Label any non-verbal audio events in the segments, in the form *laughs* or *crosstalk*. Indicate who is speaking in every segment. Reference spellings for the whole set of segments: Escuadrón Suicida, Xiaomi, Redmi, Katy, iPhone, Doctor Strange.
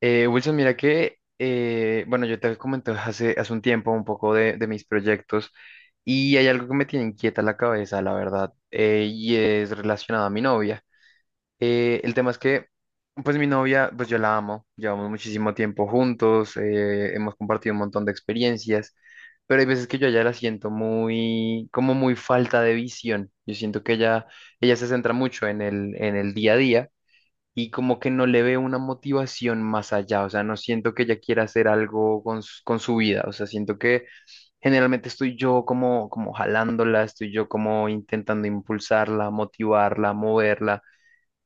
Speaker 1: Wilson, mira que, bueno, yo te comenté hace un tiempo un poco de mis proyectos y hay algo que me tiene inquieta la cabeza, la verdad, y es relacionado a mi novia. El tema es que, pues mi novia, pues yo la amo, llevamos muchísimo tiempo juntos, hemos compartido un montón de experiencias, pero hay veces que yo a ella la siento muy, como muy falta de visión. Yo siento que ella se centra mucho en el día a día y como que no le veo una motivación más allá, o sea, no siento que ella quiera hacer algo con, con su vida, o sea, siento que generalmente estoy yo como, como jalándola, estoy yo como intentando impulsarla, motivarla, moverla,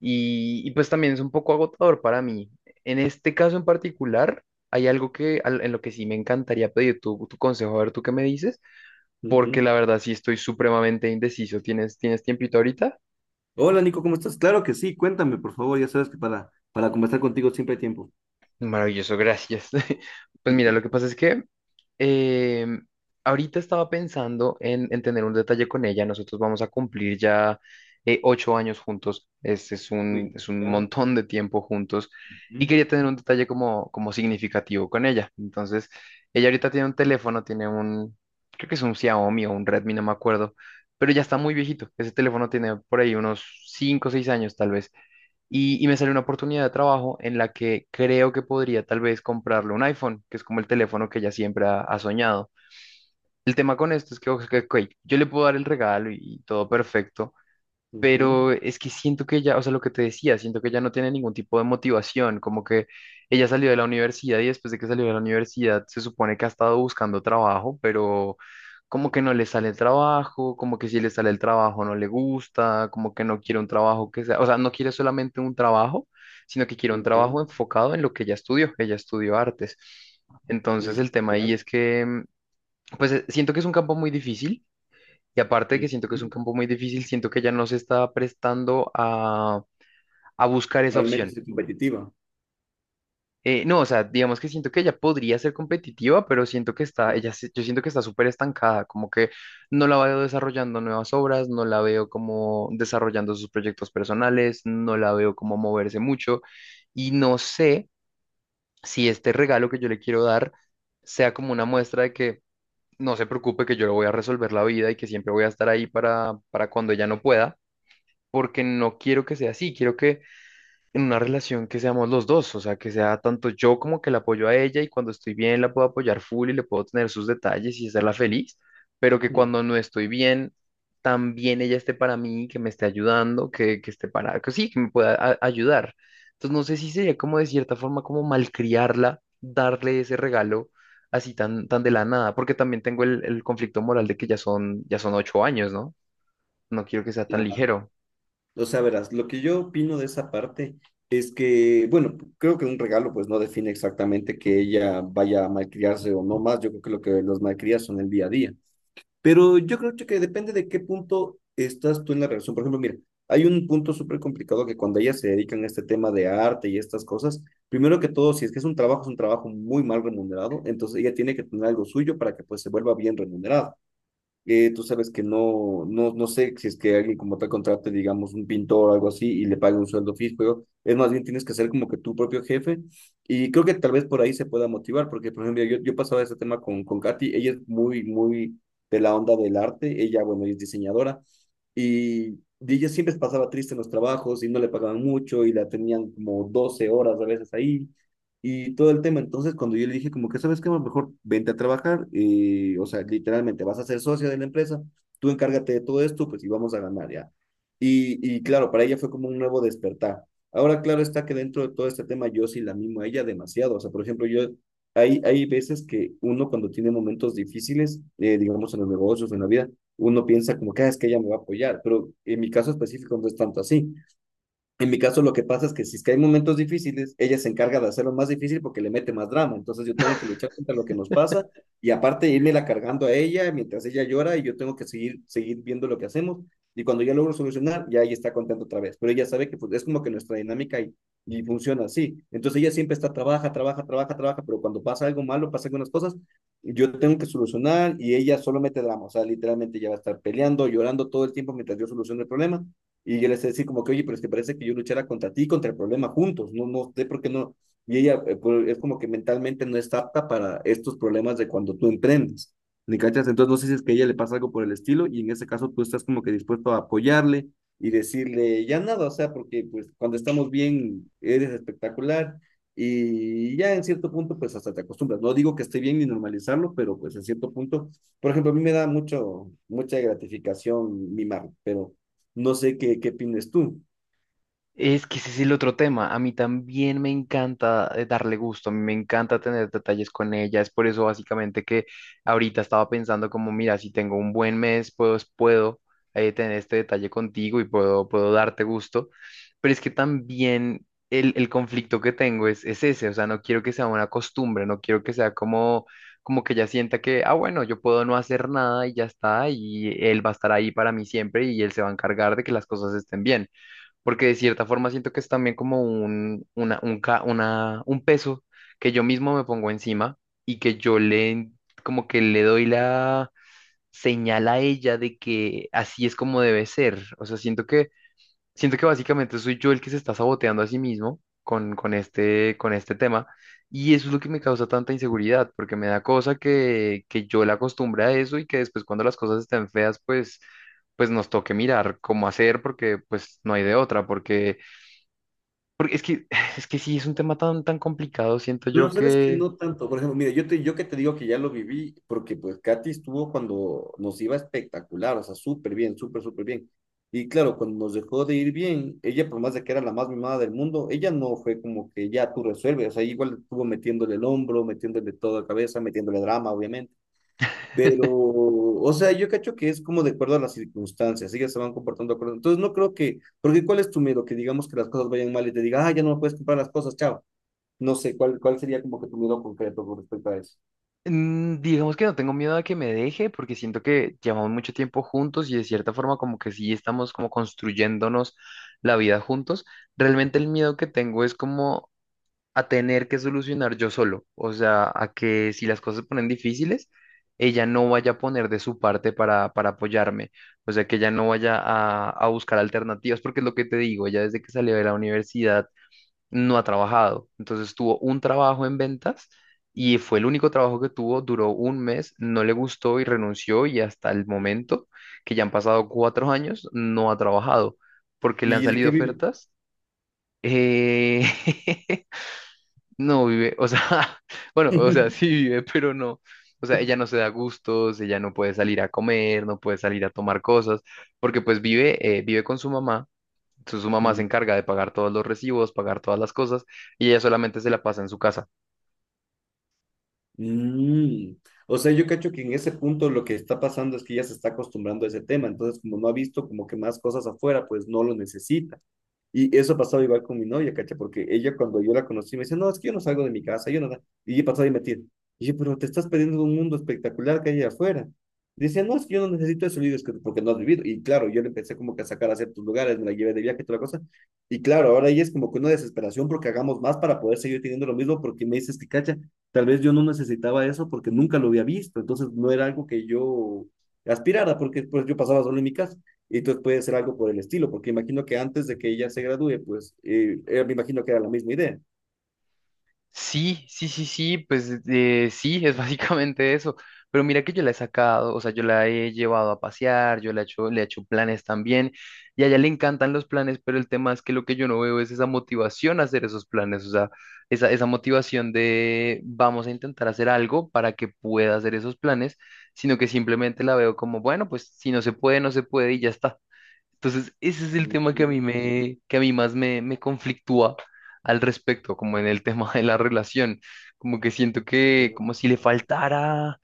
Speaker 1: y pues también es un poco agotador para mí. En este caso en particular, hay algo que, en lo que sí me encantaría pedir tu consejo, a ver tú qué me dices, porque
Speaker 2: Ujú.
Speaker 1: la verdad sí estoy supremamente indeciso. ¿Tienes tiempito ahorita?
Speaker 2: Hola Nico, ¿cómo estás? Claro que sí, cuéntame por favor, ya sabes que para conversar contigo siempre hay tiempo.
Speaker 1: Maravilloso, gracias. *laughs* Pues mira, lo
Speaker 2: Ujú.
Speaker 1: que pasa es que eh, ahorita estaba pensando en tener un detalle con ella. Nosotros vamos a cumplir ya 8 años juntos.
Speaker 2: Uy,
Speaker 1: Es un
Speaker 2: ya.
Speaker 1: montón de tiempo juntos. Y quería tener un detalle como, como significativo con ella. Entonces, ella ahorita tiene un teléfono, tiene un, creo que es un Xiaomi o un Redmi, no me acuerdo. Pero ya está muy viejito. Ese teléfono tiene por ahí unos 5 o 6 años tal vez y me salió una oportunidad de trabajo en la que creo que podría tal vez comprarle un iPhone, que es como el teléfono que ella siempre ha soñado. El tema con esto es que, ok, yo le puedo dar el regalo y todo perfecto, pero
Speaker 2: Ujú,
Speaker 1: es que siento que ella, o sea, lo que te decía, siento que ella no tiene ningún tipo de motivación, como que ella salió de la universidad y después de que salió de la universidad se supone que ha estado buscando trabajo, pero como que no le sale el trabajo, como que si le sale el trabajo no le gusta, como que no quiere un trabajo que sea, o sea, no quiere solamente un trabajo, sino que quiere un
Speaker 2: ujú, ya,
Speaker 1: trabajo enfocado en lo que ella estudió artes. Entonces
Speaker 2: Uy,
Speaker 1: el tema ahí
Speaker 2: ya.
Speaker 1: es que, pues siento que es un campo muy difícil y aparte de que
Speaker 2: Ujú.
Speaker 1: siento que es un campo muy difícil, siento que ya no se está prestando a buscar esa
Speaker 2: Realmente
Speaker 1: opción.
Speaker 2: es competitiva.
Speaker 1: No, o sea, digamos que siento que ella podría ser competitiva, pero siento que está,
Speaker 2: Ujú,
Speaker 1: ella, yo siento que está súper estancada, como que no la veo desarrollando nuevas obras, no la veo como desarrollando sus proyectos personales, no la veo como moverse mucho, y no sé si este regalo que yo le quiero dar sea como una muestra de que no se preocupe, que yo le voy a resolver la vida y que siempre voy a estar ahí para cuando ella no pueda porque no quiero que sea así, quiero que en una relación que seamos los dos, o sea, que sea tanto yo como que la apoyo a ella y cuando estoy bien la puedo apoyar full y le puedo tener sus detalles y hacerla feliz, pero que
Speaker 2: ujú.
Speaker 1: cuando no estoy bien, también ella esté para mí, que me esté ayudando, que esté para, que sí, que me pueda ayudar. Entonces no sé si sería como de cierta forma como malcriarla, darle ese regalo así tan, tan de la nada, porque también tengo el conflicto moral de que ya son 8 años, ¿no? No quiero que sea tan
Speaker 2: Claro.
Speaker 1: ligero.
Speaker 2: O sea, verás, lo que yo opino de esa parte es que, bueno, creo que un regalo pues no define exactamente que ella vaya a malcriarse o no más, yo creo que lo que los malcrías son el día a día. Pero yo creo que depende de qué punto estás tú en la relación. Por ejemplo, mira, hay un punto súper complicado que cuando ellas se dedican a este tema de arte y estas cosas, primero que todo, si es que es un trabajo muy mal remunerado, entonces ella tiene que tener algo suyo para que pues se vuelva bien remunerado tú sabes que no, no, no sé si es que alguien como tal contrate, digamos, un pintor o algo así y le pague un sueldo fijo, pero es más bien tienes que ser como que tu propio jefe y creo que tal vez por ahí se pueda motivar, porque por ejemplo, yo pasaba ese tema con Katy, ella es muy, muy de la onda del arte, ella, bueno, ella es diseñadora y ella siempre pasaba triste en los trabajos y no le pagaban mucho y la tenían como 12 horas a veces ahí y todo el tema. Entonces, cuando yo le dije como que, ¿sabes qué? Mejor vente a trabajar y, o sea, literalmente vas a ser socia de la empresa, tú encárgate de todo esto, pues y vamos a ganar ya. Y claro, para ella fue como un nuevo despertar. Ahora, claro está que dentro de todo este tema yo sí la mimo a ella demasiado. O sea, por ejemplo, yo, hay veces que uno cuando tiene momentos difíciles, digamos en los negocios, en la vida, uno piensa como que "Ah, es que ella me va a apoyar, pero en mi caso específico no es tanto así. En mi caso, lo que pasa es que si es que hay momentos difíciles, ella se encarga de hacerlo más difícil porque le mete más drama. Entonces yo tengo que luchar contra lo que nos pasa y aparte la cargando a ella mientras ella llora y yo tengo que seguir, seguir viendo lo que hacemos. Y cuando ya logro solucionar, ya ella está contenta otra vez. Pero ella sabe que pues, es como que nuestra dinámica y funciona así. Entonces ella siempre está, trabaja, trabaja, trabaja, trabaja, pero cuando pasa algo malo, pasa algunas cosas, yo tengo que solucionar y ella solo mete drama. O sea, literalmente ella va a estar peleando, llorando todo el tiempo mientras yo soluciono el problema y yo les decía como que, oye, pero es que parece que yo luchara contra ti y contra el problema juntos, no, no sé por qué no. Y ella pues, es como que mentalmente no está apta para estos problemas de cuando tú emprendes. ¿Me cachas? Entonces no sé si es que a ella le pasa algo por el estilo y en ese caso tú estás como que dispuesto a apoyarle y decirle, ya nada, o sea, porque pues cuando estamos bien eres espectacular y ya en cierto punto pues hasta te acostumbras. No digo que esté bien ni normalizarlo, pero pues en cierto punto, por ejemplo, a mí me da mucho, mucha gratificación mimar, pero no sé qué, qué opinas tú.
Speaker 1: Es que ese es el otro tema. A mí también me encanta darle gusto, a mí me encanta tener detalles con ella. Es por eso básicamente que ahorita estaba pensando como, mira, si tengo un buen mes, puedo tener este detalle contigo y puedo darte gusto. Pero es que también el conflicto que tengo es ese, o sea, no quiero que sea una costumbre, no quiero que sea como, como que ella sienta que, ah, bueno, yo puedo no hacer nada y ya está, y él va a estar ahí para mí siempre y él se va a encargar de que las cosas estén bien porque de cierta forma siento que es también como un, una, un, un peso que yo mismo me pongo encima y que yo le, como que le doy la señal a ella de que así es como debe ser. O sea, siento que básicamente soy yo el que se está saboteando a sí mismo con este tema. Y eso es lo que me causa tanta inseguridad, porque me da cosa que yo la acostumbre a eso y que después cuando las cosas estén feas, pues nos toque mirar cómo hacer, porque pues no hay de otra, porque es que, *sighs* es que sí, es un tema tan, tan complicado. Siento
Speaker 2: No,
Speaker 1: yo
Speaker 2: sabes que
Speaker 1: que,
Speaker 2: no tanto. Por ejemplo, mira, yo te, yo que te digo que ya lo viví, porque pues Katy estuvo cuando nos iba espectacular, o sea, súper bien, súper, súper bien. Y claro, cuando nos dejó de ir bien, ella, por más de que era la más mimada del mundo, ella no fue como que ya tú resuelves, o sea, igual estuvo metiéndole el hombro, metiéndole toda la cabeza, metiéndole drama, obviamente. Pero, o sea, yo cacho que es como de acuerdo a las circunstancias, ellas se van comportando de acuerdo. Entonces, no creo que, porque ¿cuál es tu miedo? Que digamos que las cosas vayan mal y te diga, ah, ya no me puedes comprar las cosas, chao. No sé, ¿cuál sería como que tu miedo concreto con respecto a eso?
Speaker 1: digamos que no tengo miedo a que me deje, porque siento que llevamos mucho tiempo juntos y de cierta forma como que sí estamos como construyéndonos la vida juntos. Realmente el miedo que tengo es como a tener que solucionar yo solo. O sea, a que si las cosas se ponen difíciles, ella no vaya a poner de su parte para apoyarme. O sea, que ella no vaya a buscar alternativas, porque es lo que te digo, ella desde que salió de la universidad no ha trabajado. Entonces tuvo un trabajo en ventas y fue el único trabajo que tuvo, duró 1 mes, no le gustó y renunció y hasta el momento, que ya han pasado 4 años, no ha trabajado porque le han
Speaker 2: ¿Y de
Speaker 1: salido
Speaker 2: qué vive?
Speaker 1: ofertas. eh, *laughs* no vive, o sea, *laughs* bueno, o sea, sí
Speaker 2: *laughs*
Speaker 1: vive, pero no. O sea, ella no se da gustos, ella no puede salir a comer, no puede salir a tomar cosas, porque pues vive, vive con su mamá entonces su mamá se
Speaker 2: Mm,
Speaker 1: encarga de pagar todos los recibos, pagar todas las cosas, y ella solamente se la pasa en su casa.
Speaker 2: mm. O sea, yo cacho que en ese punto lo que está pasando es que ya se está acostumbrando a ese tema, entonces como no ha visto como que más cosas afuera, pues no lo necesita. Y eso ha pasado igual con mi novia, ¿cacha? Porque ella cuando yo la conocí me dice, no, es que yo no salgo de mi casa, yo no... da-". Y yo he pasado y mentir Y yo, pero te estás perdiendo de un mundo espectacular que hay allá afuera. Dice, no, es que yo no necesito eso, le digo, "Es que porque no has vivido. Y claro, yo le empecé como que a sacar a ciertos lugares, me la llevé de viaje y toda la cosa. Y claro, ahora ella es como que una desesperación porque hagamos más para poder seguir teniendo lo mismo, porque me dices que, cacha, tal vez yo no necesitaba eso porque nunca lo había visto, entonces no era algo que yo aspirara, porque pues yo pasaba solo en mi casa y entonces puede ser algo por el estilo, porque imagino que antes de que ella se gradúe, pues me imagino que era la misma idea.
Speaker 1: Sí, sí, sí, sí, pues sí, es *laughs* básicamente eso. Pero mira que yo la he sacado, o sea, yo la he llevado a pasear, yo la he hecho, le he hecho planes también, y a ella le encantan los planes, pero el tema es que lo que yo no veo es esa motivación a hacer esos planes, o sea, esa motivación de vamos a intentar hacer algo para que pueda hacer esos planes, sino que simplemente la veo como, bueno, pues si no se puede, no se puede y ya está. Entonces, ese es el tema que
Speaker 2: Mm,
Speaker 1: que a mí más me conflictúa al respecto, como en el *laughs* tema de la relación. Como que siento que, como
Speaker 2: chuta,
Speaker 1: si le faltara,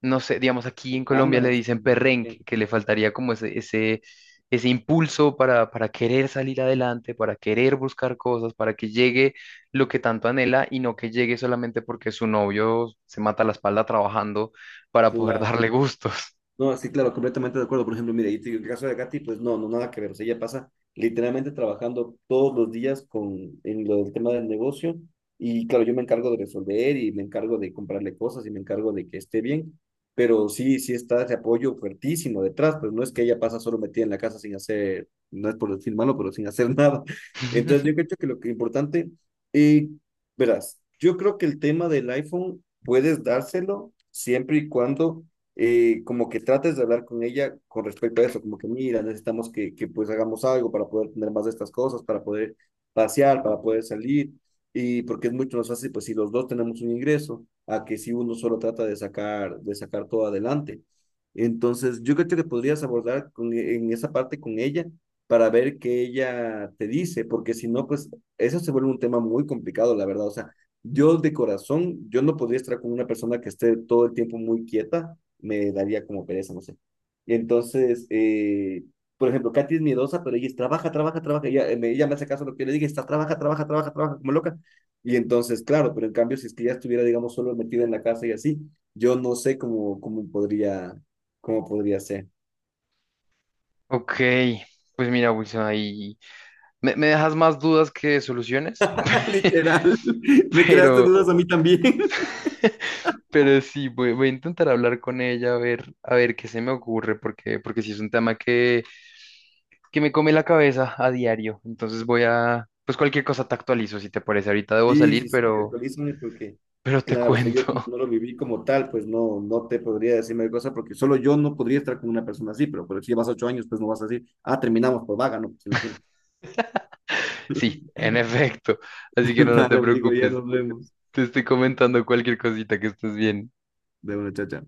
Speaker 1: no sé, digamos, aquí en
Speaker 2: con
Speaker 1: Colombia le
Speaker 2: ganas.
Speaker 1: dicen
Speaker 2: Como muy
Speaker 1: perrenque,
Speaker 2: bien.
Speaker 1: que le faltaría como ese impulso para querer salir adelante, para querer buscar cosas, para que llegue lo que tanto anhela y no que llegue solamente porque su novio se mata la espalda trabajando para poder darle gustos.
Speaker 2: No, sí, claro, completamente de acuerdo. Por ejemplo, mire, y te digo, el caso de Katy, pues no, no, nada que ver. O sea, ella pasa literalmente trabajando todos los días con, en lo del tema del negocio. Y claro, yo me encargo de resolver y me encargo de comprarle cosas y me encargo de que esté bien. Pero sí, sí está ese apoyo fuertísimo detrás. Pues no es que ella pasa solo metida en la casa sin hacer, no es por decir malo, pero sin hacer *laughs* nada. Entonces, yo creo
Speaker 1: *laughs*
Speaker 2: que lo que es importante, y verás, yo creo que el tema del iPhone puedes dárselo siempre y cuando como que trates de hablar con ella con respecto a eso, como que mira, necesitamos que, pues hagamos algo para poder tener más de estas cosas, para poder pasear, para poder salir, y porque es mucho más fácil, pues si los dos tenemos un ingreso, a que si uno solo trata de sacar todo adelante. Entonces, yo creo que podrías abordar con, en esa parte con ella para ver qué ella te dice, porque si no, pues eso se vuelve un tema muy complicado, la verdad. O sea, yo de corazón, yo no podría estar con una persona que esté todo el tiempo muy quieta, me daría como pereza, no sé. Entonces, por ejemplo, Katy es miedosa, pero ella es, trabaja, trabaja, trabaja. Ella, ella me hace caso a lo que yo le dije, está, trabaja, trabaja, trabaja, trabaja como loca. Y entonces, claro, pero en cambio, si es que ella estuviera, digamos, solo metida en la casa y así, yo no sé cómo podría, cómo, podría ser.
Speaker 1: Ok, pues mira, Wilson, ahí. Me dejas más dudas que soluciones,
Speaker 2: *laughs*
Speaker 1: *laughs*
Speaker 2: Literal, *laughs* me creaste
Speaker 1: pero,
Speaker 2: dudas a mí también.
Speaker 1: pero sí, voy a intentar hablar con ella a ver qué se me ocurre, porque, porque sí es un tema que me come la cabeza a diario. Entonces voy a, pues cualquier cosa te actualizo, si te parece. Ahorita debo
Speaker 2: Sí,
Speaker 1: salir,
Speaker 2: sí, sí, actualízame porque,
Speaker 1: pero te
Speaker 2: claro, o sea, yo como
Speaker 1: cuento. *laughs*
Speaker 2: no lo viví como tal, pues no, no te podría decir mayor cosa porque solo yo no podría estar con una persona así, pero, si llevas 8 años, pues no vas a decir, ah, terminamos, por vaga, no, pues imagínate.
Speaker 1: Sí, en efecto. Así que
Speaker 2: *laughs*
Speaker 1: no, no te
Speaker 2: Dale, digo, ya
Speaker 1: preocupes.
Speaker 2: nos vemos.
Speaker 1: Te estoy comentando cualquier cosita que estés bien.
Speaker 2: De una chacha.